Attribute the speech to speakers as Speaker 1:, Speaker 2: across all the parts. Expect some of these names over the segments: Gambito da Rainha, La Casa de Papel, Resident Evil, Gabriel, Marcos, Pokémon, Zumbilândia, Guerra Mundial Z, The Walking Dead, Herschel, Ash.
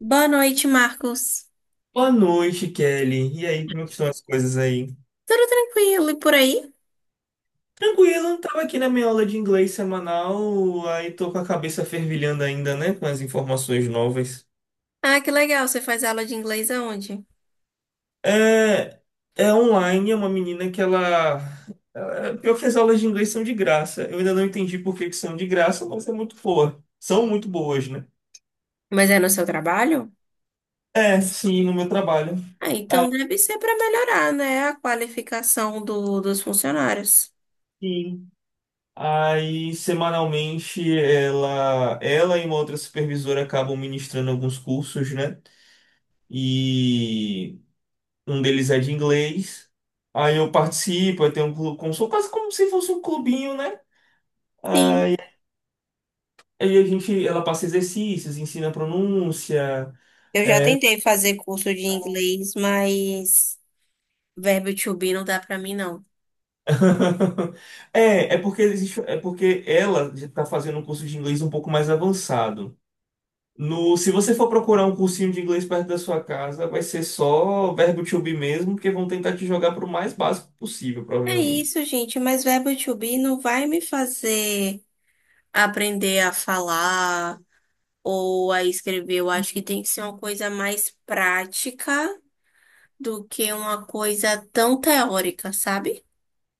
Speaker 1: Boa noite, Marcos.
Speaker 2: Boa noite, Kelly. E aí, como é que estão as coisas aí?
Speaker 1: Tudo tranquilo e por aí?
Speaker 2: Tranquilo, tava aqui na minha aula de inglês semanal, aí tô com a cabeça fervilhando ainda, né, com as informações novas.
Speaker 1: Ah, que legal, você faz aula de inglês aonde?
Speaker 2: É, é online, é uma menina que Pior que as aulas de inglês são de graça. Eu ainda não entendi por que que são de graça, mas é muito boa. São muito boas, né?
Speaker 1: Mas é no seu trabalho?
Speaker 2: É, sim, no meu trabalho.
Speaker 1: Ah, então
Speaker 2: Ah,
Speaker 1: deve ser para melhorar, né, a qualificação dos funcionários.
Speaker 2: sim. Aí, semanalmente, ela e uma outra supervisora acabam ministrando alguns cursos, né? E um deles é de inglês. Aí eu participo, eu tenho um clube, como, sou quase como se fosse um clubinho, né?
Speaker 1: Sim.
Speaker 2: Aí a gente, ela passa exercícios, ensina pronúncia.
Speaker 1: Eu já tentei fazer curso de inglês, mas verbo to be não dá para mim, não.
Speaker 2: É porque existe, é porque ela está fazendo um curso de inglês um pouco mais avançado. No, se você for procurar um cursinho de inglês perto da sua casa, vai ser só verbo to be mesmo, porque vão tentar te jogar para o mais básico possível,
Speaker 1: É
Speaker 2: provavelmente.
Speaker 1: isso, gente, mas verbo to be não vai me fazer aprender a falar ou a escrever. Eu acho que tem que ser uma coisa mais prática do que uma coisa tão teórica, sabe?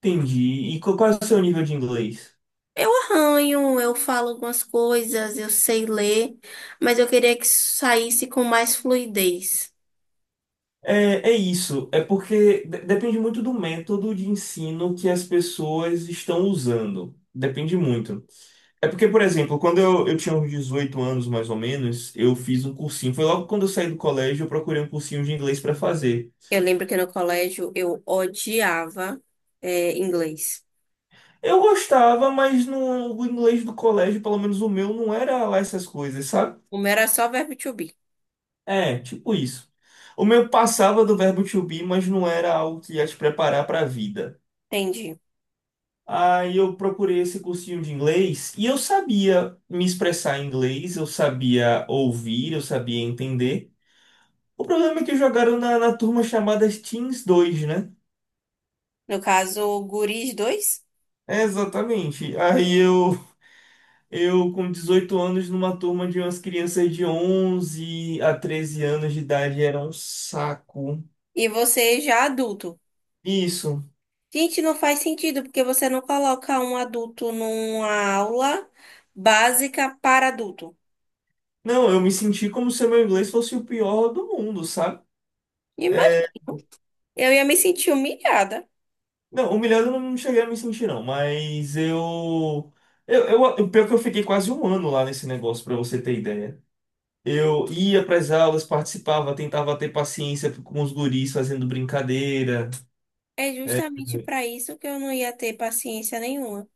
Speaker 2: Entendi. E qual é o seu nível de inglês?
Speaker 1: Eu arranho, eu falo algumas coisas, eu sei ler, mas eu queria que isso saísse com mais fluidez.
Speaker 2: É isso, é porque depende muito do método de ensino que as pessoas estão usando. Depende muito. É porque, por exemplo, quando eu tinha uns 18 anos, mais ou menos, eu fiz um cursinho. Foi logo quando eu saí do colégio, eu procurei um cursinho de inglês para fazer.
Speaker 1: Eu lembro que no colégio eu odiava, é, inglês.
Speaker 2: Eu gostava, mas no, o inglês do colégio, pelo menos o meu, não era lá essas coisas, sabe?
Speaker 1: O meu era só verbo to be.
Speaker 2: É, tipo isso. O meu passava do verbo to be, mas não era algo que ia te preparar para a vida.
Speaker 1: Entendi.
Speaker 2: Aí eu procurei esse cursinho de inglês e eu sabia me expressar em inglês, eu sabia ouvir, eu sabia entender. O problema é que jogaram na turma chamada Teens 2, né?
Speaker 1: No caso, guris dois
Speaker 2: É, exatamente. Aí eu com 18 anos, numa turma de umas crianças de 11 a 13 anos de idade, era um saco.
Speaker 1: e você já adulto.
Speaker 2: Isso.
Speaker 1: Gente, não faz sentido, porque você não coloca um adulto numa aula básica para adulto.
Speaker 2: Não, eu me senti como se o meu inglês fosse o pior do mundo, sabe?
Speaker 1: Imagina,
Speaker 2: É,
Speaker 1: eu ia me sentir humilhada.
Speaker 2: não, humilhado eu não cheguei a me sentir, não, mas eu. Pior que eu fiquei quase um ano lá nesse negócio, pra você ter ideia. Eu ia pras aulas, participava, tentava ter paciência com os guris fazendo brincadeira.
Speaker 1: É
Speaker 2: É,
Speaker 1: justamente para isso que eu não ia ter paciência nenhuma.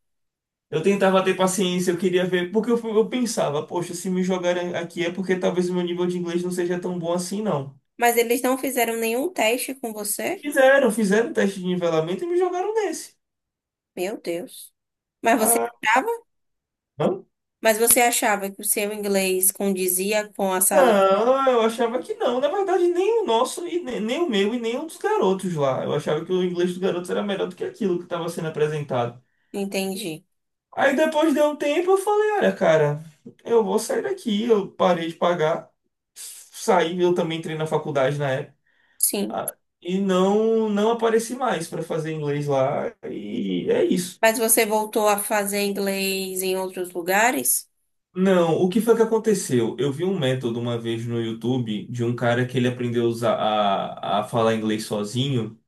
Speaker 2: eu tentava ter paciência, eu queria ver, porque eu pensava, poxa, se me jogarem aqui é porque talvez o meu nível de inglês não seja tão bom assim, não.
Speaker 1: Mas eles não fizeram nenhum teste com você?
Speaker 2: Fizeram, fizeram teste de nivelamento e me jogaram nesse.
Speaker 1: Meu Deus. Mas você
Speaker 2: Ah,
Speaker 1: achava? Mas você achava que o seu inglês condizia com a sala?
Speaker 2: não, eu achava que não. Na verdade, nem o nosso, e nem o meu, e nem o dos garotos lá. Eu achava que o inglês dos garotos era melhor do que aquilo que estava sendo apresentado.
Speaker 1: Entendi.
Speaker 2: Aí depois de um tempo eu falei, olha, cara, eu vou sair daqui. Eu parei de pagar, saí, eu também entrei na faculdade na época,
Speaker 1: Sim.
Speaker 2: e não, não apareci mais para fazer inglês lá, e é isso.
Speaker 1: Mas você voltou a fazer inglês em outros lugares?
Speaker 2: Não, o que foi que aconteceu? Eu vi um método uma vez no YouTube de um cara que ele aprendeu a falar inglês sozinho.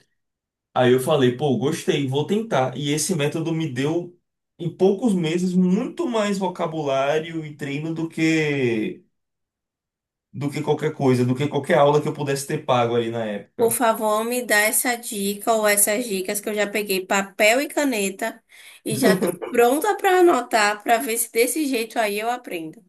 Speaker 2: Aí eu falei, pô, gostei, vou tentar. E esse método me deu, em poucos meses, muito mais vocabulário e treino do que do que qualquer aula que eu pudesse ter pago ali na
Speaker 1: Por
Speaker 2: época.
Speaker 1: favor, me dá essa dica ou essas dicas que eu já peguei papel e caneta e já tô pronta para anotar para ver se desse jeito aí eu aprendo.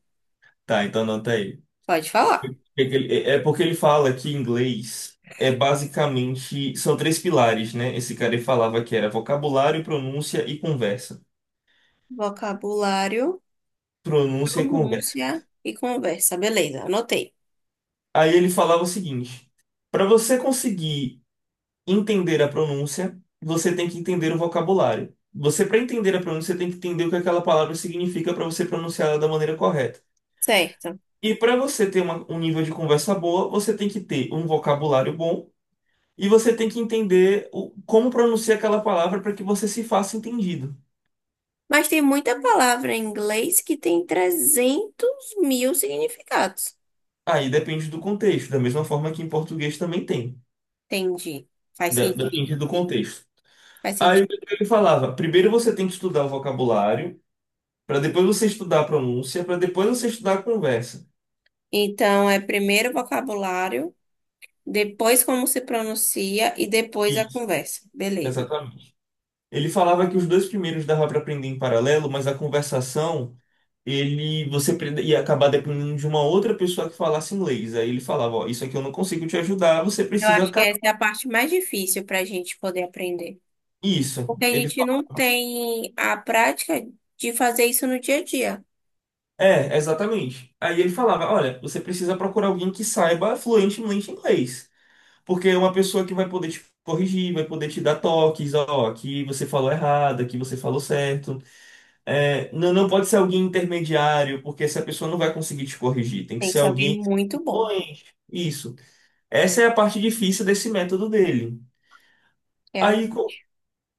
Speaker 2: Tá, então anota aí.
Speaker 1: Pode falar.
Speaker 2: É que ele- é é porque ele fala que inglês é basicamente, são três pilares, né? Esse cara ele falava que era vocabulário, pronúncia e conversa.
Speaker 1: Vocabulário.
Speaker 2: Pronúncia e conversa.
Speaker 1: Pronúncia e conversa. Beleza, anotei.
Speaker 2: Aí ele falava o seguinte: para você conseguir entender a pronúncia, você tem que entender o vocabulário. Você, para entender a pronúncia, tem que entender o que aquela palavra significa para você pronunciar ela da maneira correta.
Speaker 1: Certo.
Speaker 2: E para você ter um nível de conversa boa, você tem que ter um vocabulário bom e você tem que entender como pronunciar aquela palavra para que você se faça entendido.
Speaker 1: Mas tem muita palavra em inglês que tem 300 mil significados.
Speaker 2: Aí depende do contexto, da mesma forma que em português também tem.
Speaker 1: Entendi. Faz
Speaker 2: Depende
Speaker 1: sentido.
Speaker 2: do contexto.
Speaker 1: Faz
Speaker 2: Aí o
Speaker 1: sentido.
Speaker 2: que ele falava? Primeiro você tem que estudar o vocabulário, para depois você estudar a pronúncia, para depois você estudar a conversa.
Speaker 1: Então, é primeiro o vocabulário, depois como se pronuncia e depois a
Speaker 2: Isso.
Speaker 1: conversa. Beleza.
Speaker 2: Exatamente. Ele falava que os dois primeiros dava para aprender em paralelo, mas a conversação, ia acabar dependendo de uma outra pessoa que falasse inglês. Aí ele falava, ó, isso aqui eu não consigo te ajudar, você
Speaker 1: Eu
Speaker 2: precisa
Speaker 1: acho que essa é a parte mais difícil para a gente poder aprender.
Speaker 2: isso.
Speaker 1: Porque a
Speaker 2: Ele
Speaker 1: gente não
Speaker 2: falava,
Speaker 1: tem a prática de fazer isso no dia a dia.
Speaker 2: é, exatamente. Aí ele falava, olha, você precisa procurar alguém que saiba fluentemente inglês, porque é uma pessoa que vai poder te corrigir, vai poder te dar toques, ó, aqui você falou errado, aqui você falou certo. É, não, não pode ser alguém intermediário, porque essa pessoa não vai conseguir te corrigir. Tem que
Speaker 1: Tem que
Speaker 2: ser
Speaker 1: ser alguém
Speaker 2: alguém
Speaker 1: muito bom,
Speaker 2: influente. Isso. Essa é a parte difícil desse método dele. Aí,
Speaker 1: realmente.
Speaker 2: co-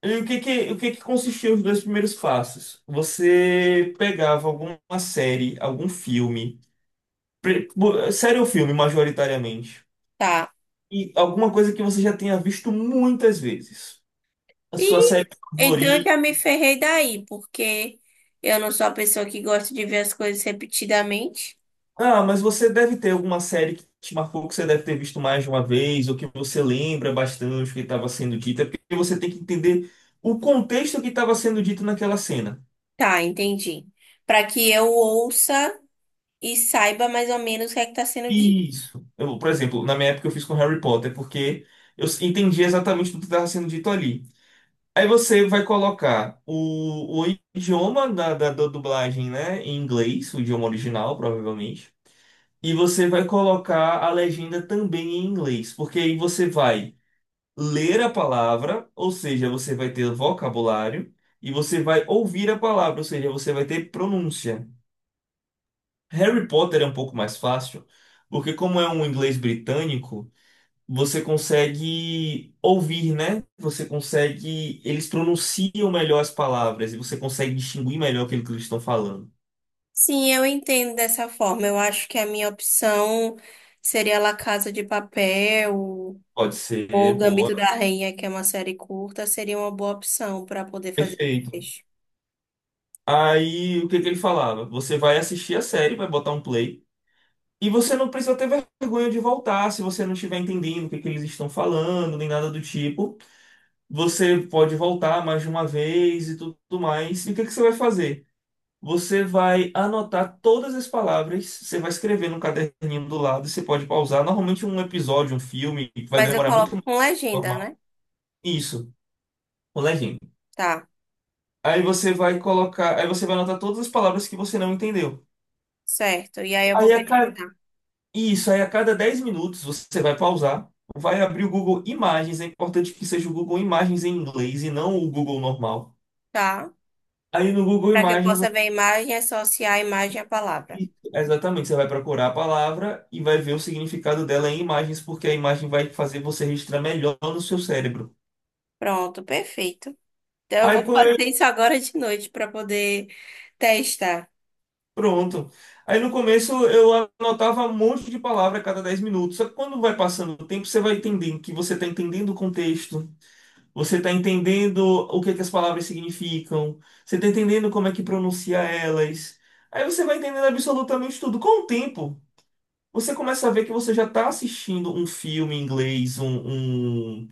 Speaker 2: e o que que consistia os dois primeiros passos? Você pegava alguma série, algum filme, série ou filme, majoritariamente,
Speaker 1: Tá.
Speaker 2: e alguma coisa que você já tenha visto muitas vezes. A sua
Speaker 1: E
Speaker 2: série.
Speaker 1: então eu já me ferrei daí, porque eu não sou a pessoa que gosta de ver as coisas repetidamente.
Speaker 2: Ah, mas você deve ter alguma série que te marcou, que você deve ter visto mais de uma vez, ou que você lembra bastante o que estava sendo dito, é porque você tem que entender o contexto que estava sendo dito naquela cena.
Speaker 1: Tá, entendi. Para que eu ouça e saiba mais ou menos o que é que tá sendo dito.
Speaker 2: Isso. Eu, por exemplo, na minha época eu fiz com Harry Potter, porque eu entendi exatamente tudo que estava sendo dito ali. Aí você vai colocar o idioma da dublagem, né, em inglês, o idioma original, provavelmente, e você vai colocar a legenda também em inglês, porque aí você vai ler a palavra, ou seja, você vai ter vocabulário, e você vai ouvir a palavra, ou seja, você vai ter pronúncia. Harry Potter é um pouco mais fácil, porque como é um inglês britânico, você consegue ouvir, né? Você consegue, eles pronunciam melhor as palavras e você consegue distinguir melhor aquilo que eles estão falando.
Speaker 1: Sim, eu entendo dessa forma. Eu acho que a minha opção seria La Casa de Papel
Speaker 2: Pode
Speaker 1: ou
Speaker 2: ser, boa.
Speaker 1: Gambito da Rainha, que é uma série curta, seria uma boa opção para poder fazer esse
Speaker 2: Perfeito.
Speaker 1: texto.
Speaker 2: Aí, o que que ele falava? Você vai assistir a série, vai botar um play. E você não precisa ter vergonha de voltar se você não estiver entendendo o que que eles estão falando, nem nada do tipo. Você pode voltar mais de uma vez e tudo mais. E o que que você vai fazer? Você vai anotar todas as palavras, você vai escrever no caderninho do lado, você pode pausar. Normalmente um episódio, um filme, vai
Speaker 1: Mas eu
Speaker 2: demorar muito
Speaker 1: coloco
Speaker 2: mais que
Speaker 1: com
Speaker 2: o
Speaker 1: legenda, né?
Speaker 2: normal. Isso, o legend.
Speaker 1: Tá,
Speaker 2: Aí você vai colocar, aí você vai anotar todas as palavras que você não entendeu.
Speaker 1: certo. E aí eu vou
Speaker 2: Aí a
Speaker 1: pesquisar.
Speaker 2: E isso aí, a cada 10 minutos, você vai pausar, vai abrir o Google Imagens. É importante que seja o Google Imagens em inglês e não o Google normal.
Speaker 1: Tá.
Speaker 2: Aí no Google
Speaker 1: Para que eu
Speaker 2: Imagens,
Speaker 1: possa
Speaker 2: você-
Speaker 1: ver a imagem, e associar a imagem à palavra.
Speaker 2: exatamente, você vai procurar a palavra e vai ver o significado dela em imagens, porque a imagem vai fazer você registrar melhor no seu cérebro.
Speaker 1: Pronto, perfeito. Então eu
Speaker 2: Aí
Speaker 1: vou fazer
Speaker 2: co-
Speaker 1: isso agora de noite para poder testar.
Speaker 2: pronto. Aí no começo eu anotava um monte de palavra a cada 10 minutos. Só que quando vai passando o tempo, você vai entendendo que você está entendendo o contexto. Você está entendendo o que que as palavras significam. Você está entendendo como é que pronuncia elas. Aí você vai entendendo absolutamente tudo. Com o tempo, você começa a ver que você já está assistindo um filme em inglês,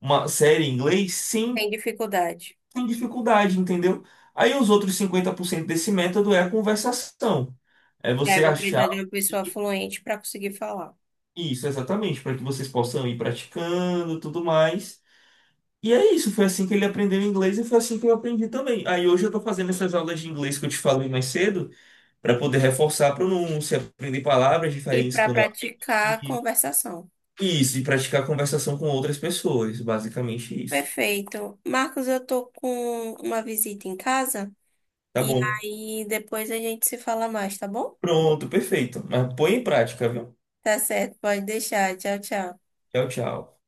Speaker 2: uma série em inglês, sem,
Speaker 1: Tem dificuldade.
Speaker 2: sem dificuldade, entendeu? Aí os outros 50% desse método é a conversação. É
Speaker 1: E aí eu
Speaker 2: você
Speaker 1: vou
Speaker 2: achar.
Speaker 1: precisar de uma pessoa fluente para conseguir falar.
Speaker 2: Isso, exatamente, para que vocês possam ir praticando, tudo mais. E é isso, foi assim que ele aprendeu inglês e foi assim que eu aprendi também. Aí hoje eu tô fazendo essas aulas de inglês que eu te falei mais cedo, para poder reforçar a pronúncia, aprender palavras
Speaker 1: E
Speaker 2: diferentes
Speaker 1: para
Speaker 2: que eu não aprendi.
Speaker 1: praticar a conversação.
Speaker 2: E isso, e praticar conversação com outras pessoas, basicamente isso.
Speaker 1: Perfeito. Marcos, eu tô com uma visita em casa
Speaker 2: Tá
Speaker 1: e
Speaker 2: bom.
Speaker 1: aí depois a gente se fala mais, tá bom?
Speaker 2: Pronto, perfeito. Mas põe em prática, viu?
Speaker 1: Tá certo, pode deixar. Tchau, tchau.
Speaker 2: Tchau, tchau.